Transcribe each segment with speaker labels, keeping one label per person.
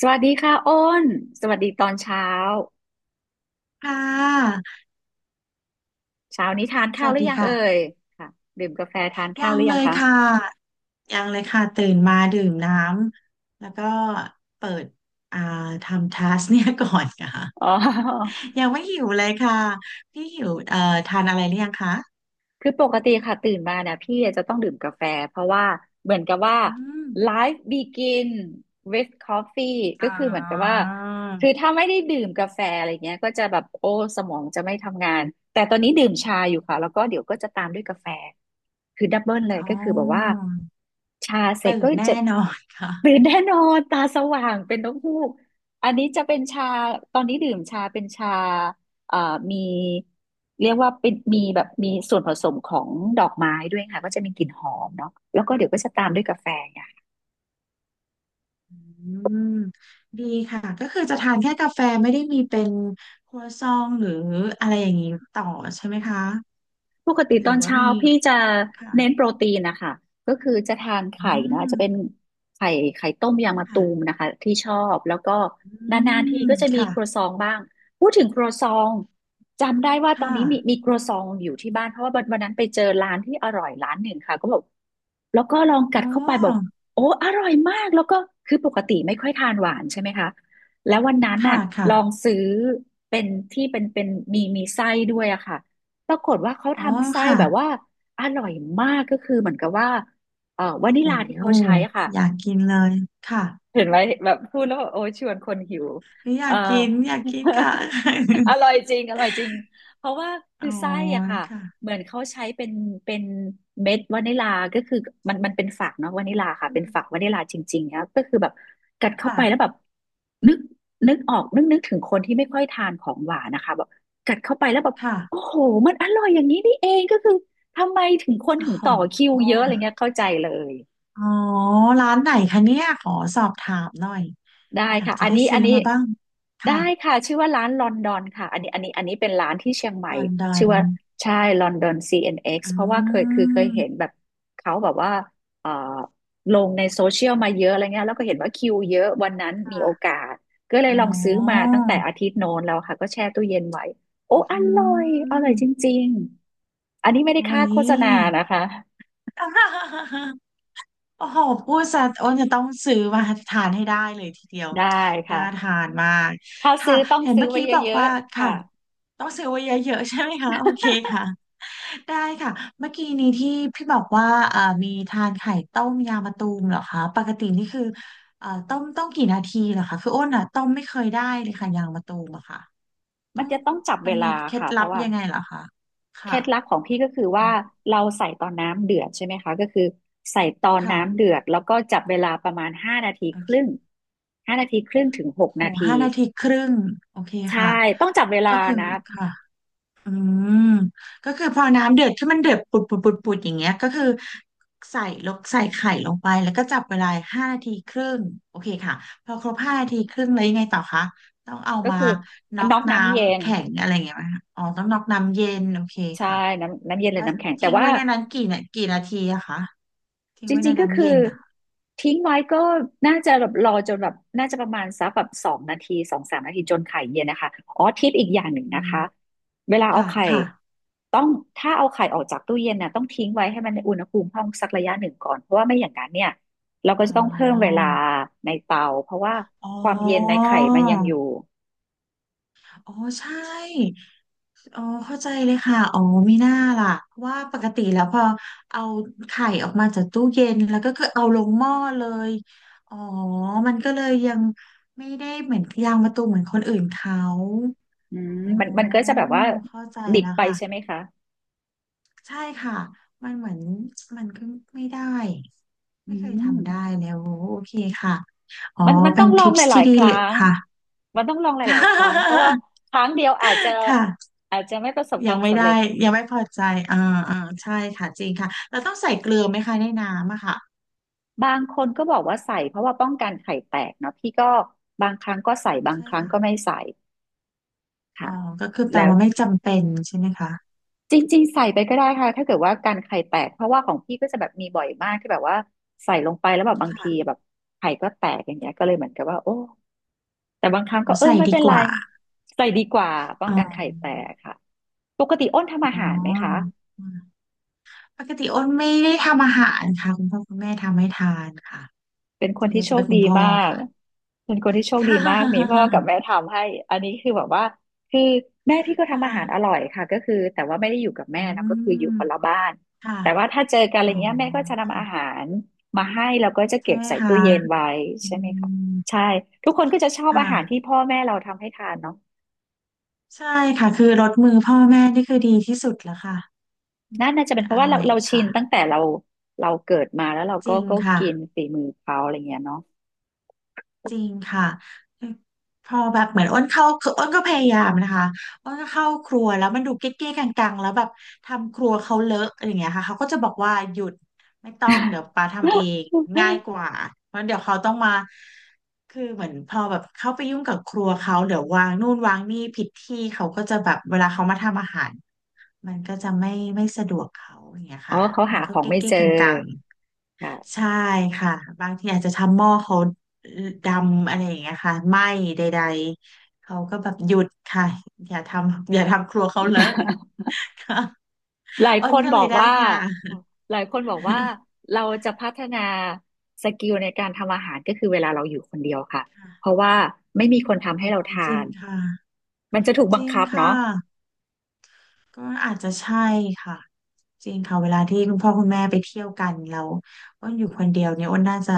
Speaker 1: สวัสดีค่ะอ้นสวัสดีตอนเช้า
Speaker 2: ค่ะ
Speaker 1: เช้านี้ทาน
Speaker 2: ส
Speaker 1: ข้าว
Speaker 2: วั
Speaker 1: ห
Speaker 2: ส
Speaker 1: รื
Speaker 2: ดี
Speaker 1: อยัง
Speaker 2: ค่ะ
Speaker 1: เอ่ยค่ะดื่มกาแฟทาน
Speaker 2: ยั
Speaker 1: ข้าวห
Speaker 2: ง
Speaker 1: รือ
Speaker 2: เล
Speaker 1: ยัง
Speaker 2: ย
Speaker 1: คะ
Speaker 2: ค่ะยังเลยค่ะตื่นมาดื่มน้ำแล้วก็เปิดอ่าทำทัสเนี่ยก่อนค่ะ
Speaker 1: อ๋อ
Speaker 2: ยั งไม่หิวเลยค่ะพี่หิวทานอะไรหรือยังคะ
Speaker 1: คือปกติค่ะตื่นมาเนี่ยพี่จะต้องดื่มกาแฟเพราะว่าเหมือนกับว่า
Speaker 2: อืม
Speaker 1: life begin with coffee
Speaker 2: อ๋
Speaker 1: ก็คือเหมือนกับว่า
Speaker 2: อ
Speaker 1: คือถ้าไม่ได้ดื่มกาแฟอะไรเงี้ยก็จะแบบโอ้สมองจะไม่ทำงานแต่ตอนนี้ดื่มชาอยู่ค่ะแล้วก็เดี๋ยวก็จะตามด้วยกาแฟ คือดับเบิลเลย
Speaker 2: อ๋
Speaker 1: ก็คือแบบว่า
Speaker 2: อ
Speaker 1: ชาเสร็จ
Speaker 2: ตื่น
Speaker 1: ก็จะ
Speaker 2: แน่นอนค่ะ
Speaker 1: ตื่นแน่นอนตาสว่างเป็นนกฮูกอันนี้จะเป็นชาตอนนี้ดื่มชาเป็นชาเอ่อมีเรียกว่าเป็นมีแบบมีส่วนผสมของดอกไม้ด้วยค่ะก็จะมีกลิ่นหอมเนาะแล้วก็เดี๋ยวก็จะตามด้วยกาแฟ
Speaker 2: อืมดีค่ะก็คือจะทานแค่กาแฟไม่ได้มีเป็นครัวซองหรืออะไรอย่างนี้ต่อใช่ไหมคะ
Speaker 1: ปกติ
Speaker 2: ห
Speaker 1: ต
Speaker 2: รื
Speaker 1: อ
Speaker 2: อ
Speaker 1: น
Speaker 2: ว่า
Speaker 1: เช้า
Speaker 2: มี
Speaker 1: พี่จะเน้น
Speaker 2: ค่ะ
Speaker 1: โปรตีนนะคะก็คือจะทาน
Speaker 2: อื
Speaker 1: ไข่นะ
Speaker 2: ม
Speaker 1: จะเป็นไข่ไข่ต้มยางมะตูม
Speaker 2: ค่ะ
Speaker 1: นะคะที่ชอบแล้วก็
Speaker 2: อื
Speaker 1: นานๆที
Speaker 2: ม
Speaker 1: ก็จะมี
Speaker 2: ค่ะ
Speaker 1: ครัวซองบ้างพูดถึงครัวซองจำได้ว่าตอ
Speaker 2: ค่ะ
Speaker 1: นนี้มีครัวซองอยู่ที่บ้านเพราะว่าวันนั้นไปเจอร้านที่อร่อยร้านหนึ่งค่ะก็บอก แล้วก็ลองกั
Speaker 2: อ๋
Speaker 1: ดเข้าไปบอก
Speaker 2: อ
Speaker 1: โอ้อร่อยมากแล้วก็คือปกติไม่ค่อยทานหวานใช่ไหมคะแล้ววันนั้น
Speaker 2: ค่ะ
Speaker 1: น่ะ
Speaker 2: ค่ะ
Speaker 1: ลองซื้อเป็นที่เป็นมีไส้ด้วยอะค่ะปรากฏว่าเขา
Speaker 2: อ๋อ
Speaker 1: ทำไส้
Speaker 2: ค่ะ
Speaker 1: แบบว่าอร่อยมากก็คือเหมือนกับว่าวานิ
Speaker 2: โ
Speaker 1: ลาที่เขาใช้
Speaker 2: ห
Speaker 1: อะค่ะ
Speaker 2: อยากกินเลยค่ะ
Speaker 1: เห็นไหมแบบพูดแล้วแบบโอ้ยชวนคนหิว
Speaker 2: หรืออยา
Speaker 1: เอ่อ
Speaker 2: กกินอยากกินค่ะ
Speaker 1: อ ร่อยจริงอร่อยจริงเพราะว่าคื
Speaker 2: อ๋อ
Speaker 1: อไส้อะค่ะ
Speaker 2: ค่ะ
Speaker 1: เหมือนเขาใช้เป็นเม็ดวานิลาก็คือมันเป็นฝักเนาะวานิลาค่ะ
Speaker 2: อื
Speaker 1: เป็น
Speaker 2: ม
Speaker 1: ฝักวานิลาจริงๆนะก็คือแบบกัดเข้าไปแล้วแบ
Speaker 2: ค่ะ
Speaker 1: บนึกนึกออกนึกถึงคนที่ไม่ค่อยทานของหวานนะคะแบบกัดเข้าไปแล้วแบบ
Speaker 2: ค่ะ
Speaker 1: โอ้โหมันอร่อยอย่างนี้นี่เองก็คือทำไมถึงคนถึง
Speaker 2: โอ๋อ
Speaker 1: ต่อคิวเยอะอะไรเงี้ยเข้าใจเลย
Speaker 2: อ๋อร้านไหนคะเนี่ยขอสอบถามหน่อย
Speaker 1: ได้
Speaker 2: วันหลัง
Speaker 1: ค่ะ
Speaker 2: จะ
Speaker 1: อัน
Speaker 2: ได้
Speaker 1: นี้
Speaker 2: ซื้
Speaker 1: อั
Speaker 2: อ
Speaker 1: นนี้
Speaker 2: มาบ้าง
Speaker 1: ได้
Speaker 2: ค่ะ
Speaker 1: ค่ะ ชื่อว่าร้านลอนดอนค่ะอันนี้เป็นร้านที่เชียงใหม่
Speaker 2: ลอนดอ
Speaker 1: ชื่อ
Speaker 2: น
Speaker 1: ว่า ใช่ลอนดอน CNX เอ็นเอ็ก
Speaker 2: อื
Speaker 1: ซ์เพราะว่าเคยเห็น
Speaker 2: ม
Speaker 1: แบบเขาแบบว่าเอ่อลงในโซเชียลมาเยอะอะไรเงี้ยแล้วก็เห็นว่าคิวเยอะวันนั้นมีโอ
Speaker 2: ค่ะ
Speaker 1: กาส ก็เลย
Speaker 2: อ๋
Speaker 1: ลองซื้อมา
Speaker 2: อ
Speaker 1: ตั้งแต่อาทิตย์โน้นแล้วค่ะ ก็แช่ตู้เย็นไว้โอ้
Speaker 2: อื
Speaker 1: อร่อย อร่อยจ
Speaker 2: ม
Speaker 1: ริงๆอันนี้ไม่ได้
Speaker 2: โอ้
Speaker 1: ค่า
Speaker 2: ย
Speaker 1: โฆษณานะคะ
Speaker 2: โอ้โหพูดซะอ้นจะต้องซื้อมาทานให้ได้เลยทีเดียว
Speaker 1: ได้
Speaker 2: น่า
Speaker 1: ค่ะ
Speaker 2: ทานมาก
Speaker 1: ถ้า
Speaker 2: ค่ะ
Speaker 1: ซื้อต้อง
Speaker 2: เห็น
Speaker 1: ซื้อ
Speaker 2: เมื่อ
Speaker 1: ไว้
Speaker 2: กี้บอก
Speaker 1: เยอะ
Speaker 2: ว่า
Speaker 1: ๆ
Speaker 2: ค่ะ
Speaker 1: ค่ะ
Speaker 2: ต้องซื้อไว้เยอะๆใช่ไหมคะโอเคค่ะได้ค่ะเมื่อกี้นี้ที่พี่บอกว่ามีทานไข่ต้มยางมะตูมเหรอคะปกตินี่คือต้มกี่นาทีเหรอคะคืออ้นอ่ะต้มไม่เคยได้เลยค่ะยางมะตูมอะค่ะต้
Speaker 1: มั
Speaker 2: อ
Speaker 1: น
Speaker 2: ง
Speaker 1: จะต้องจับ
Speaker 2: มั
Speaker 1: เว
Speaker 2: นมี
Speaker 1: ลา
Speaker 2: เคล็ด
Speaker 1: ค่ะเพ
Speaker 2: ลับ
Speaker 1: ราะว่า
Speaker 2: ยังไงเหรอคะ
Speaker 1: เค
Speaker 2: ค่ะ
Speaker 1: ล็ดลับของพี่ก็คือ
Speaker 2: อื
Speaker 1: ว่า
Speaker 2: ม
Speaker 1: เราใส่ตอนน้ำเดือดใช่ไหมคะก็คือใส่ตอนน้ำ
Speaker 2: ค่ะ
Speaker 1: เดือดแล้วก็จับเวลาประมาณห้านาที
Speaker 2: โอ
Speaker 1: ครึ่ง
Speaker 2: เค
Speaker 1: ห้านาทีครึ่งถึงหก
Speaker 2: โอ้
Speaker 1: นาที
Speaker 2: ห้านาทีครึ่งโอเค
Speaker 1: ใช่
Speaker 2: ค่ะ
Speaker 1: ต้องจับเวลา
Speaker 2: ก็คือ
Speaker 1: นะ
Speaker 2: ค่ะอืมก็คือพอน้ำเดือดที่มันเดือดปุดปุดอย่างเงี้ยก็คือใส่ไข่ลงไปแล้วก็จับเวลาห้านาทีครึ่งโอเคค่ะพอครบห้านาทีครึ่งแล้วยังไงต่อคะต้องเอา
Speaker 1: ก็
Speaker 2: มา
Speaker 1: คือ
Speaker 2: น็อก
Speaker 1: น็อก
Speaker 2: น้
Speaker 1: น้ำเย็
Speaker 2: ำ
Speaker 1: น
Speaker 2: แข็งอะไรอย่างเงี้ยไหมคะอ๋อต้องน็อกน้ำเย็นโอเค
Speaker 1: ใช่
Speaker 2: ค่ะ
Speaker 1: น้ำเย็นหรื
Speaker 2: แล้
Speaker 1: อ
Speaker 2: ว
Speaker 1: น้ำแข็งแต่
Speaker 2: ทิ้ง
Speaker 1: ว่า
Speaker 2: ไว้ในนั้นกี่นาทีอะคะทิ้ง
Speaker 1: จ
Speaker 2: ไว้
Speaker 1: ริ
Speaker 2: ใน
Speaker 1: งๆก็
Speaker 2: น้ำ
Speaker 1: คือ
Speaker 2: เย็นอะ
Speaker 1: ทิ้งไว้ก็น่าจะแบบรอจนแบบน่าจะประมาณสักแบบ2 นาที2-3 นาทีจนไข่เย็นนะคะอ๋อทิปอีกอย่างหนึ่ง
Speaker 2: อื
Speaker 1: นะ
Speaker 2: ม
Speaker 1: คะเวลาเอา
Speaker 2: ค่ะ
Speaker 1: ไข่
Speaker 2: ค่ะ
Speaker 1: ต้องถ้าเอาไข่ออกจากตู้เย็นน่ะต้องทิ้งไว้ให้มันในอุณหภูมิห้องสักระยะหนึ่งก่อนเพราะว่าไม่อย่างนั้นเนี่ยเราก็
Speaker 2: อ๋อ
Speaker 1: จะต้องเพิ่มเวลาในเตาเพราะว่า
Speaker 2: อ๋อ
Speaker 1: ความเย็นในไข่มันยังอยู่
Speaker 2: อ๋อใช่อ๋อเข้าใจเลยค่ะอ๋อมีหน้าล่ะว่าปกติแล้วพอเอาไข่ออกมาจากตู้เย็นแล้วก็คือเอาลงหม้อเลยอ๋อมันก็เลยยังไม่ได้เหมือนยางมะตูมเหมือนคนอื่นเขา
Speaker 1: อืม
Speaker 2: อ๋
Speaker 1: มันก็
Speaker 2: อ
Speaker 1: จะแบบว่า
Speaker 2: เข้าใจ
Speaker 1: ดิบ
Speaker 2: แล้ว
Speaker 1: ไปใช่ไหม
Speaker 2: ค่ะ
Speaker 1: คะ
Speaker 2: ใช่ค่ะมันเหมือนมันก็ไม่ได้
Speaker 1: อื
Speaker 2: ไม่เคยทำได้
Speaker 1: ม
Speaker 2: แล้วโอเคค่ะอ๋อ
Speaker 1: มัน
Speaker 2: เป็
Speaker 1: ต้อ
Speaker 2: น
Speaker 1: งลอ
Speaker 2: ทิ
Speaker 1: ง
Speaker 2: ป
Speaker 1: ห
Speaker 2: ส์
Speaker 1: ลา
Speaker 2: ที่
Speaker 1: ยๆ
Speaker 2: ดี
Speaker 1: ค
Speaker 2: เล
Speaker 1: รั้
Speaker 2: ย
Speaker 1: ง
Speaker 2: ค่ะ
Speaker 1: มันต้องลองหลายๆครั้งเพราะว่า ครั้งเดียวอาจจะ
Speaker 2: ค่ะ
Speaker 1: อาจจะไม่ประสบค
Speaker 2: ยั
Speaker 1: วา
Speaker 2: ง
Speaker 1: ม
Speaker 2: ไม่
Speaker 1: สำเร็
Speaker 2: ได้
Speaker 1: จ
Speaker 2: ยังไม่พอใจอ่าอ่าใช่ค่ะจริงค่ะเราต้องใส่เกลือไหมคะในน้ำอะค่ะ
Speaker 1: บางคนก็บอกว่าใส่เพราะว่าป้องกันไข่แตกเนาะพี่ก็บางครั้งก็ใส่บาง
Speaker 2: ใช่
Speaker 1: ครั้ง
Speaker 2: ค่ะ
Speaker 1: ก็ไม่ใส่
Speaker 2: อ๋อ
Speaker 1: ค่ะ
Speaker 2: ก็คือแปล
Speaker 1: แล้ว
Speaker 2: ว่าไม่จำเป็นใช่ไหมคะ
Speaker 1: จริงๆใส่ไปก็ได้ค่ะถ้าเกิดว่าการไข่แตกเพราะว่าของพี่ก็จะแบบมีบ่อยมากที่แบบว่าใส่ลงไปแล้วแบบบางที
Speaker 2: ค่ะ
Speaker 1: แบบไข่ก็แตกอย่างเงี้ยก็เลยเหมือนกับว่าโอ้แต่บางครั้ง
Speaker 2: อ๋
Speaker 1: ก็
Speaker 2: อ
Speaker 1: เออ
Speaker 2: ใส่
Speaker 1: ไม่
Speaker 2: ดี
Speaker 1: เป็น
Speaker 2: ก
Speaker 1: ไร
Speaker 2: ว่า
Speaker 1: ใส่ดีกว่าป้อ
Speaker 2: อ๋
Speaker 1: ง
Speaker 2: อ
Speaker 1: กันไข่แตกค่ะปกติอ้นทำอา
Speaker 2: อ๋อ
Speaker 1: หารไหมคะ
Speaker 2: อืมปกติอ้นไม่ได้ทำอาหารค่ะคุณพ่อคุณแม่ทำให้ทานค่ะ
Speaker 1: เป็นค
Speaker 2: ส่
Speaker 1: น
Speaker 2: วนให
Speaker 1: ที่
Speaker 2: ญ่
Speaker 1: โช
Speaker 2: จะเป็
Speaker 1: ค
Speaker 2: นคุ
Speaker 1: ดี
Speaker 2: ณพ่อ
Speaker 1: มาก
Speaker 2: ค่ะ
Speaker 1: เป็นคนที่โชคดีมากมี พ่อกับแม่ทำให้ อันนี้คือแบบว่า คือแม่พี่
Speaker 2: ค่ะ
Speaker 1: ก็
Speaker 2: ค
Speaker 1: ทำอาหารอ
Speaker 2: ่ะ
Speaker 1: ร่อยค่ะก็คือแต่ว่าไม่ได้อยู่กับ
Speaker 2: อื
Speaker 1: แม่นะก็คืออยู่
Speaker 2: ม
Speaker 1: คนละบ้าน
Speaker 2: ค่ะ
Speaker 1: แต่ว่าถ้าเจอกันอะ
Speaker 2: อ๋
Speaker 1: ไร
Speaker 2: อ
Speaker 1: เงี้ยแม่ก็จะนำอาหา
Speaker 2: ค่ะ
Speaker 1: รมาให้แล้วก็จะ
Speaker 2: ใช่
Speaker 1: เก็บ
Speaker 2: ไหม
Speaker 1: ใส่
Speaker 2: คะ
Speaker 1: ตู้เย็นไว้
Speaker 2: อื
Speaker 1: ใช่ไหมคะ
Speaker 2: ม
Speaker 1: ใช่ทุกคนก็จะชอบอาหารที่
Speaker 2: ค่ะ
Speaker 1: พ่อแม่เราทำให้ทานเนาะ
Speaker 2: ใช่ค่ะคือรสมือพ่อแม่นี่คือดีที่สุดแล้วค่ะ
Speaker 1: นั่นน่าจะเป็นเพ
Speaker 2: อ
Speaker 1: ราะว่า
Speaker 2: ร่อ
Speaker 1: เรา
Speaker 2: ย
Speaker 1: เราชินตั้ง
Speaker 2: ค่ะ
Speaker 1: แต่เราเราเกิดมาแล้วเรา
Speaker 2: จ
Speaker 1: ก็
Speaker 2: ริง
Speaker 1: ก็
Speaker 2: ค่ะ
Speaker 1: กินฝีมือเขาอะไรเงี้ยเนาะ
Speaker 2: จริงค่ะพอแบบเหมือนอ้นเข้าคืออ้นก็พยายามนะคะอ้นก็เข้าครัวแล้วมันดูเก๊ะๆกังๆแล้วแบบทำครัวเขาเลอะอะไรอย่างเงี้ยค่ะเขาก็จะบอกว่าหยุดไม่ต้องเดี๋ยวปาทำเองง่าย กว่าเพราะเดี๋ยวเขาต้องมาคือเหมือนพอแบบเข้าไปยุ่งกับครัวเขาเดี๋ยววางนู่นวางนี่ผิดที่เขาก็จะแบบเวลาเขามาทำอาหาร มันก็จะไม่ไม่สะดวกเขาอย่างเงี้ย
Speaker 1: อ๋อ
Speaker 2: ค่ะ
Speaker 1: เขา
Speaker 2: มั
Speaker 1: หา
Speaker 2: น
Speaker 1: ข
Speaker 2: ก็
Speaker 1: อง
Speaker 2: เก๊
Speaker 1: ไม่เจ
Speaker 2: ก
Speaker 1: อ
Speaker 2: ๆกังๆ
Speaker 1: ค่ะ
Speaker 2: ใช่ค่ะบางทีอาจจะทำหม้อเขาดำอะไรอย่างเงี้ยค่ะไหม้ใดๆ เขาก็แบบหยุดค่ะ อย่าทำครัวเขาเลอะค่ะ
Speaker 1: หลาย
Speaker 2: อ้
Speaker 1: ค
Speaker 2: น
Speaker 1: น
Speaker 2: ก็
Speaker 1: บ
Speaker 2: เล
Speaker 1: อ
Speaker 2: ย
Speaker 1: ก
Speaker 2: ได้
Speaker 1: ว่า
Speaker 2: ค่ะ
Speaker 1: หลายคนบอกว่า เราจะพัฒนาสกิลในการทำอาหารก็คือเวลาเราอยู่คนเดียวค่ะ
Speaker 2: ค่ะ
Speaker 1: เพราะว่าไม่มีคนทำ
Speaker 2: โอ้
Speaker 1: ให้เรา
Speaker 2: จ
Speaker 1: ทา
Speaker 2: ริ
Speaker 1: น
Speaker 2: งค่ะ
Speaker 1: มันจะถูก
Speaker 2: จ
Speaker 1: บัง
Speaker 2: ริง
Speaker 1: คับเนาะ
Speaker 2: ค่ะ ก็อาจจะใช่ค่ะจริงค่ะเวลาที่คุณพ่อคุณแม่ไปเที่ยวกันแล้วอ้นอยู่คนเดียวเนี่ยอ้นน่าจะ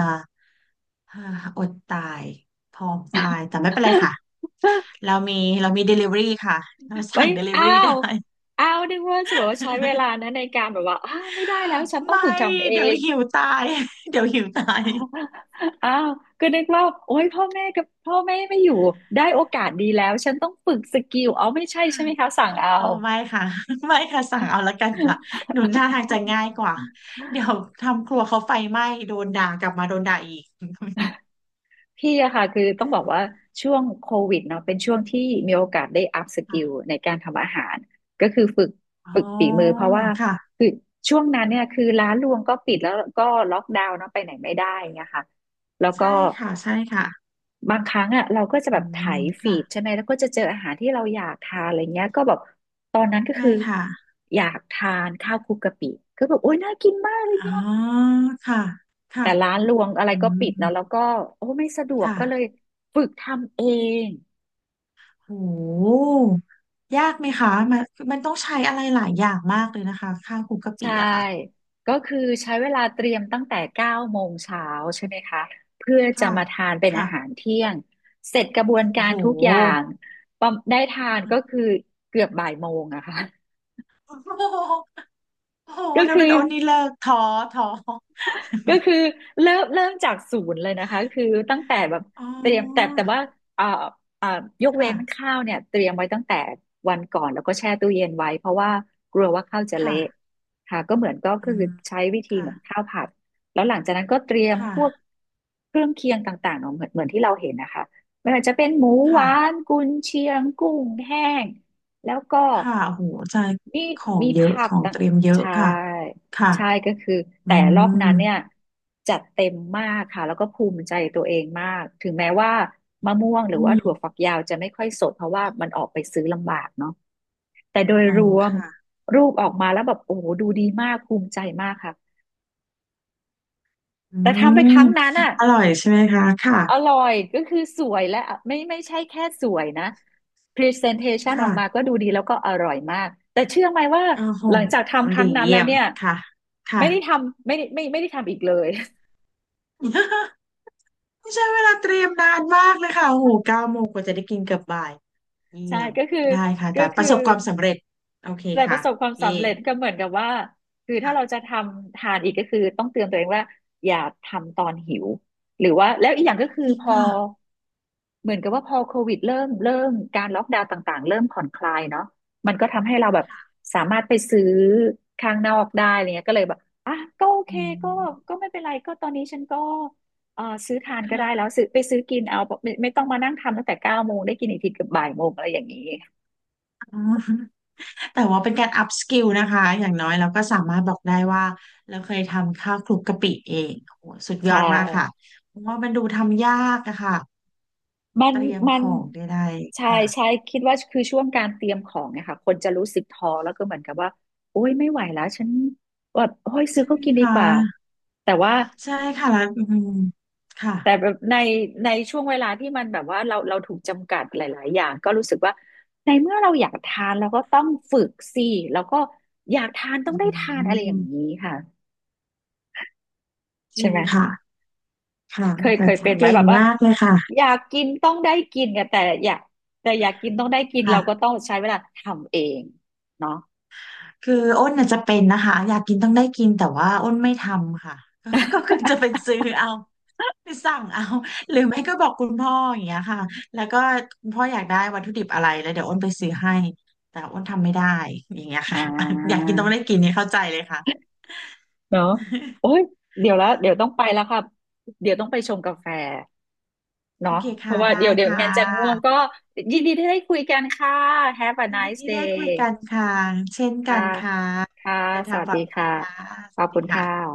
Speaker 2: อ่าอดตายพร้อมตายแต่ไม่เป็นไรค่ะ เรามีเรามี Delivery ค่ะเรา
Speaker 1: ไม่
Speaker 2: สั่ง
Speaker 1: อ้า
Speaker 2: Delivery ได้
Speaker 1: วอ้าวนึกว่าจะบอกว่าใช้เวลานะในการแบบว่าอ้าวไม่ได้แล้วฉัน ต้อง
Speaker 2: ไม่
Speaker 1: ฝึกทำเอ
Speaker 2: เดี๋ยว
Speaker 1: ง
Speaker 2: หิวตายเดี๋ยวหิวตาย
Speaker 1: อ้าวก็นึกว่าโอ๊ยพ่อแม่กับพ่อแม่ไม่อยู่ได้โอกาสดีแล้วฉันต้องฝึกสกิลเอาไม่ใช่ใช่ไหมคะสั่งเอา
Speaker 2: อ๋อไม่ค่ะ ไม่ค่ะสั่งเอาละกันค่ะหนุนหน่าทางจะง่ายกว่าเดี๋ยวทำครัวเขาไฟไหม้โดนด่ากลับมาโดนด่าอีก
Speaker 1: พี่อะค่ะคือต้องบอกว่าช่วงโควิดเนาะเป็นช่วงที่มีโอกาสได้อัพสกิ
Speaker 2: ค่ะ
Speaker 1: ลในการทำอาหารก็คือฝึก
Speaker 2: อ๋
Speaker 1: ฝึกฝี
Speaker 2: อ
Speaker 1: มือเพราะว่า
Speaker 2: ค่ะ
Speaker 1: คือช่วงนั้นเนี่ยคือร้านรวงก็ปิดแล้วก็ล็อกดาวน์เนาะไปไหนไม่ได้เงี้ยค่ะแล้วก็
Speaker 2: ใช่ค่ะใช่ค่ะ
Speaker 1: บางครั้งอะเราก็จะ
Speaker 2: อื
Speaker 1: แบบไถ
Speaker 2: ม
Speaker 1: ฟี
Speaker 2: ค่ะ
Speaker 1: ดใช่ไหมแล้วก็จะเจออาหารที่เราอยากทานอะไรเงี้ยก็แบบตอนนั้นก็
Speaker 2: ใช่
Speaker 1: คือ
Speaker 2: ค่ะ
Speaker 1: อยากทานข้าวคลุกกะปิก็แบบโอ๊ยน่ากินมากเลย
Speaker 2: อ๋อ
Speaker 1: เนี่ย
Speaker 2: ค่ะค่ะ
Speaker 1: แต่ร้านรวงอะไร
Speaker 2: อื
Speaker 1: ก็
Speaker 2: ม
Speaker 1: ปิดเนาะแล้วก็โอ้ไม่สะดวกก็เลย
Speaker 2: ค่ะ
Speaker 1: ฝึกทำเอง
Speaker 2: โหยากไหมคะมันมันต้องใช้อะไรหลายอย่างมากเลยนะคะข้าวคลุกกะปิ
Speaker 1: ใช่
Speaker 2: อะค่ะ
Speaker 1: ก็คือใช้เวลาเตรียมตั้งแต่เก้าโมงเช้าใช่ไหมคะเพื่อจะ
Speaker 2: ค่ะ
Speaker 1: มาทานเป็นอา
Speaker 2: ค่ะ
Speaker 1: หารเที่ยงเสร็จกระบวนกา
Speaker 2: โอ้
Speaker 1: ร
Speaker 2: โห
Speaker 1: ทุกอย่างปอมได้ทานก็คือเกือบบ่ายโมงอะค่ะ
Speaker 2: โอ้โห
Speaker 1: ก็
Speaker 2: ถ้า
Speaker 1: คื
Speaker 2: เป็
Speaker 1: อ
Speaker 2: นโอนนี่เลิกท้อท้อ
Speaker 1: ก็คือเริ่มจากศูนย์เลยนะคะคือตั้งแต่แบบ
Speaker 2: อ๋
Speaker 1: เตรียมแต่
Speaker 2: อ
Speaker 1: แต่ว่าอ่าอ่ายกเว้
Speaker 2: ค่ะ
Speaker 1: นข้าวเนี่ยเตรียมไว้ตั้งแต่วันก่อนแล้วก็แช่ตู้เย็นไว้เพราะว่ากลัวว่าข้าวจะเละ
Speaker 2: ค่ะ
Speaker 1: ค่ะก็เหมือนก็คื
Speaker 2: อื
Speaker 1: อ
Speaker 2: ม
Speaker 1: ใช้วิธีเห
Speaker 2: ค่ะ
Speaker 1: มือนข้าวผัดแล้วหลังจากนั้นก็เตรียม
Speaker 2: ค
Speaker 1: พวก
Speaker 2: ่ะ
Speaker 1: เครื่องเคียงต่างๆเนาะเหมือนที่เราเห็นนะคะไม่ว่าจะเป็นหมูห
Speaker 2: ค่ะ
Speaker 1: วานกุนเชียงกุ้งแห้งแล้วก็
Speaker 2: ค่ะโอ้โหใจ
Speaker 1: มี
Speaker 2: ของ
Speaker 1: มี
Speaker 2: เย
Speaker 1: ผ
Speaker 2: อะ
Speaker 1: ั
Speaker 2: ข
Speaker 1: ก
Speaker 2: อง
Speaker 1: ต่า
Speaker 2: เต
Speaker 1: ง
Speaker 2: รียมเยอะ
Speaker 1: ใช่
Speaker 2: ค่ะค่ะ
Speaker 1: ใช่ก็คือ
Speaker 2: อื
Speaker 1: แต่รอบ
Speaker 2: ม
Speaker 1: นั้นเนี่ยจัดเต็มมากค่ะแล้วก็ภูมิใจตัวเองมากถึงแม้ว่ามะม่วงหรือ
Speaker 2: อื
Speaker 1: ว่า
Speaker 2: ม
Speaker 1: ถั่วฝักยาวจะไม่ค่อยสดเพราะว่ามันออกไปซื้อลำบากเนาะแต่โดย
Speaker 2: อ๋อ
Speaker 1: รวม
Speaker 2: ค่ะ
Speaker 1: รูปออกมาแล้วแบบโอ้โหดูดีมากภูมิใจมากค่ะ
Speaker 2: อื
Speaker 1: แต่ทำไปค
Speaker 2: ม
Speaker 1: รั้งนั้นอ่ะ
Speaker 2: อร่อยใช่ไหมคะค่ะ
Speaker 1: อร่อยก็คือสวยและไม่ใช่แค่สวยนะ Presentation ออกมาก็
Speaker 2: ค่ะ
Speaker 1: ดูดีแล้วก็อร่อยมากแต่เชื่อไหมว่า
Speaker 2: โอ้โห
Speaker 1: หลังจากทำค
Speaker 2: ดี
Speaker 1: รั้งนั้นแล้
Speaker 2: เยี่
Speaker 1: ว
Speaker 2: ยม
Speaker 1: เนี่ย
Speaker 2: ค่ะค่ะ
Speaker 1: ไม่ได้ทำไม่ได้ไม่ได้ทำอีกเลย
Speaker 2: ไม่ใช่เวลาเตรียมนานมากเลยค่ะโอ้โห9 โมงกว่าจะได้กินเกือบบ่ายเยี่
Speaker 1: ใช่
Speaker 2: ยม
Speaker 1: ก็คือ
Speaker 2: ได้ค่ะแต่
Speaker 1: ก็
Speaker 2: ป
Speaker 1: คือ
Speaker 2: ระสบความสำเร็จโอเค
Speaker 1: แต่ป
Speaker 2: ค่ะ
Speaker 1: ระสบความ
Speaker 2: เย่
Speaker 1: สำเร็จก็เหมือนกับว่าคือถ้าเราจะ
Speaker 2: ค่ะ
Speaker 1: ทำทานอีกก็คือต้องเตือนตัวเองว่าอย่าทำตอนหิวหรือว่าแล้วอีกอย่างก็คือ
Speaker 2: จริง
Speaker 1: พอ
Speaker 2: ค่ะ
Speaker 1: เหมือนกับว่าพอโควิดเริ่มการล็อกดาวน์ต่างๆเริ่มผ่อนคลายเนาะมันก็ทำให้เราแบบสามารถไปซื้อข้างนอกได้อะไรเงี้ยก็เลยแบบอ่ะก็โอเค
Speaker 2: อื
Speaker 1: ก็
Speaker 2: ม
Speaker 1: ไม่เป็นไรก็ตอนนี้ฉันก็เออซื้อทานก็ได้แล้ว
Speaker 2: ค่ะ
Speaker 1: ซื้อไปซื้อกินเอาไม่ต้องมานั่งทำตั้งแต่เก้าโมงได้กินอีกทีเกับบ่ายโมงอะไรอย่างนี้
Speaker 2: อ๋อ แต่ว่าเป็นการอัพสกิลนะคะอย่างน้อยเราก็สามารถบอกได้ว่าเราเคยทำข้าวคลุกกะปิเองโอ้โหสุดย
Speaker 1: ใช่
Speaker 2: อดมากค่ะเพราะว่ามันดูทำยากอะค่ะ
Speaker 1: มัน
Speaker 2: เตรียม
Speaker 1: มั
Speaker 2: ข
Speaker 1: น
Speaker 2: องได้ๆ
Speaker 1: ใช่
Speaker 2: ค่ะ
Speaker 1: ใช่คิดว่าคือช่วงการเตรียมของเนี่ยค่ะคนจะรู้สึกท้อแล้วก็เหมือนกับว่าโอ้ยไม่ไหวแล้วฉันแบบโอ้ยซื้อ
Speaker 2: ใช่
Speaker 1: เขากินดี
Speaker 2: ค่ะ
Speaker 1: กว่าแต่ว่า
Speaker 2: ใช่ค่ะแล้วอืมค่ะ
Speaker 1: แต่แบบในช่วงเวลาที่มันแบบว่าเราถูกจำกัดหลายๆอย่างก็รู้สึกว่า ในเมื่อเราอยากทานเราก็ต้องฝึกสิแล้วก็อยากทานต้อง
Speaker 2: อื
Speaker 1: ได้ทานอะไรอย่างนี้
Speaker 2: ม
Speaker 1: ค่ะ
Speaker 2: จ
Speaker 1: ใช่
Speaker 2: ริง
Speaker 1: ไหม
Speaker 2: ค่ะค่ะ
Speaker 1: เคย
Speaker 2: แต่
Speaker 1: เคยเป็นไหม
Speaker 2: เก่
Speaker 1: แบ
Speaker 2: ง
Speaker 1: บว่า
Speaker 2: มากเลยค่ะ
Speaker 1: อยากกินต้องได้กินเนี่ยแต่อยากกินต้องได้กิน
Speaker 2: ค่ะ
Speaker 1: เราก็ต้องใช้เวลาทำเองเนาะ
Speaker 2: คืออ้นน่ะจะเป็นนะคะอยากกินต้องได้กินแต่ว่าอ้นไม่ทำค่ะก็ก็คือจะเป็น ซื้อเอา ไปสั่งเอา หรือไม่ก็บอกคุณพ่ออย่างเงี้ยค่ะแล้วก็คุณพ่ออยากได้วัตถุดิบอะไรแล้วเดี๋ยวอ้นไปซื้อให้แต่อ้นทำไม่ได้อย่างเงี้ย
Speaker 1: อ่
Speaker 2: ค่ะ อยาก
Speaker 1: า
Speaker 2: กินต้องได้กินเนี่ยเข้าใจเลยค่ะ
Speaker 1: เนาะ โอ้ยเดี๋ยวแล้ว
Speaker 2: ค่ะ
Speaker 1: เดี๋ยวต้องไปแล้วค่ะเดี๋ยวต้องไปชงกาแฟ
Speaker 2: โอ
Speaker 1: เนาะ
Speaker 2: เค
Speaker 1: เพ
Speaker 2: ค่ะ
Speaker 1: ราะว่า
Speaker 2: ได้
Speaker 1: เดี๋ยว
Speaker 2: ค่
Speaker 1: งั้นจะง่วง
Speaker 2: ะ
Speaker 1: ก็ยินดีที่ได้คุยกันค่ะ Have a
Speaker 2: ยินดี
Speaker 1: nice
Speaker 2: ที่
Speaker 1: day
Speaker 2: ได้คุยกันค่ะเช่น
Speaker 1: ค่ะ
Speaker 2: กันค่ะ
Speaker 1: ค่ะ
Speaker 2: เดิน
Speaker 1: ส
Speaker 2: ทาง
Speaker 1: วัส
Speaker 2: ปล
Speaker 1: ดี
Speaker 2: อดภัย
Speaker 1: ค่ะ
Speaker 2: ค่ะ
Speaker 1: ข
Speaker 2: ส
Speaker 1: อบ
Speaker 2: วัส
Speaker 1: คุ
Speaker 2: ดี
Speaker 1: ณค่ะ
Speaker 2: ค่ะ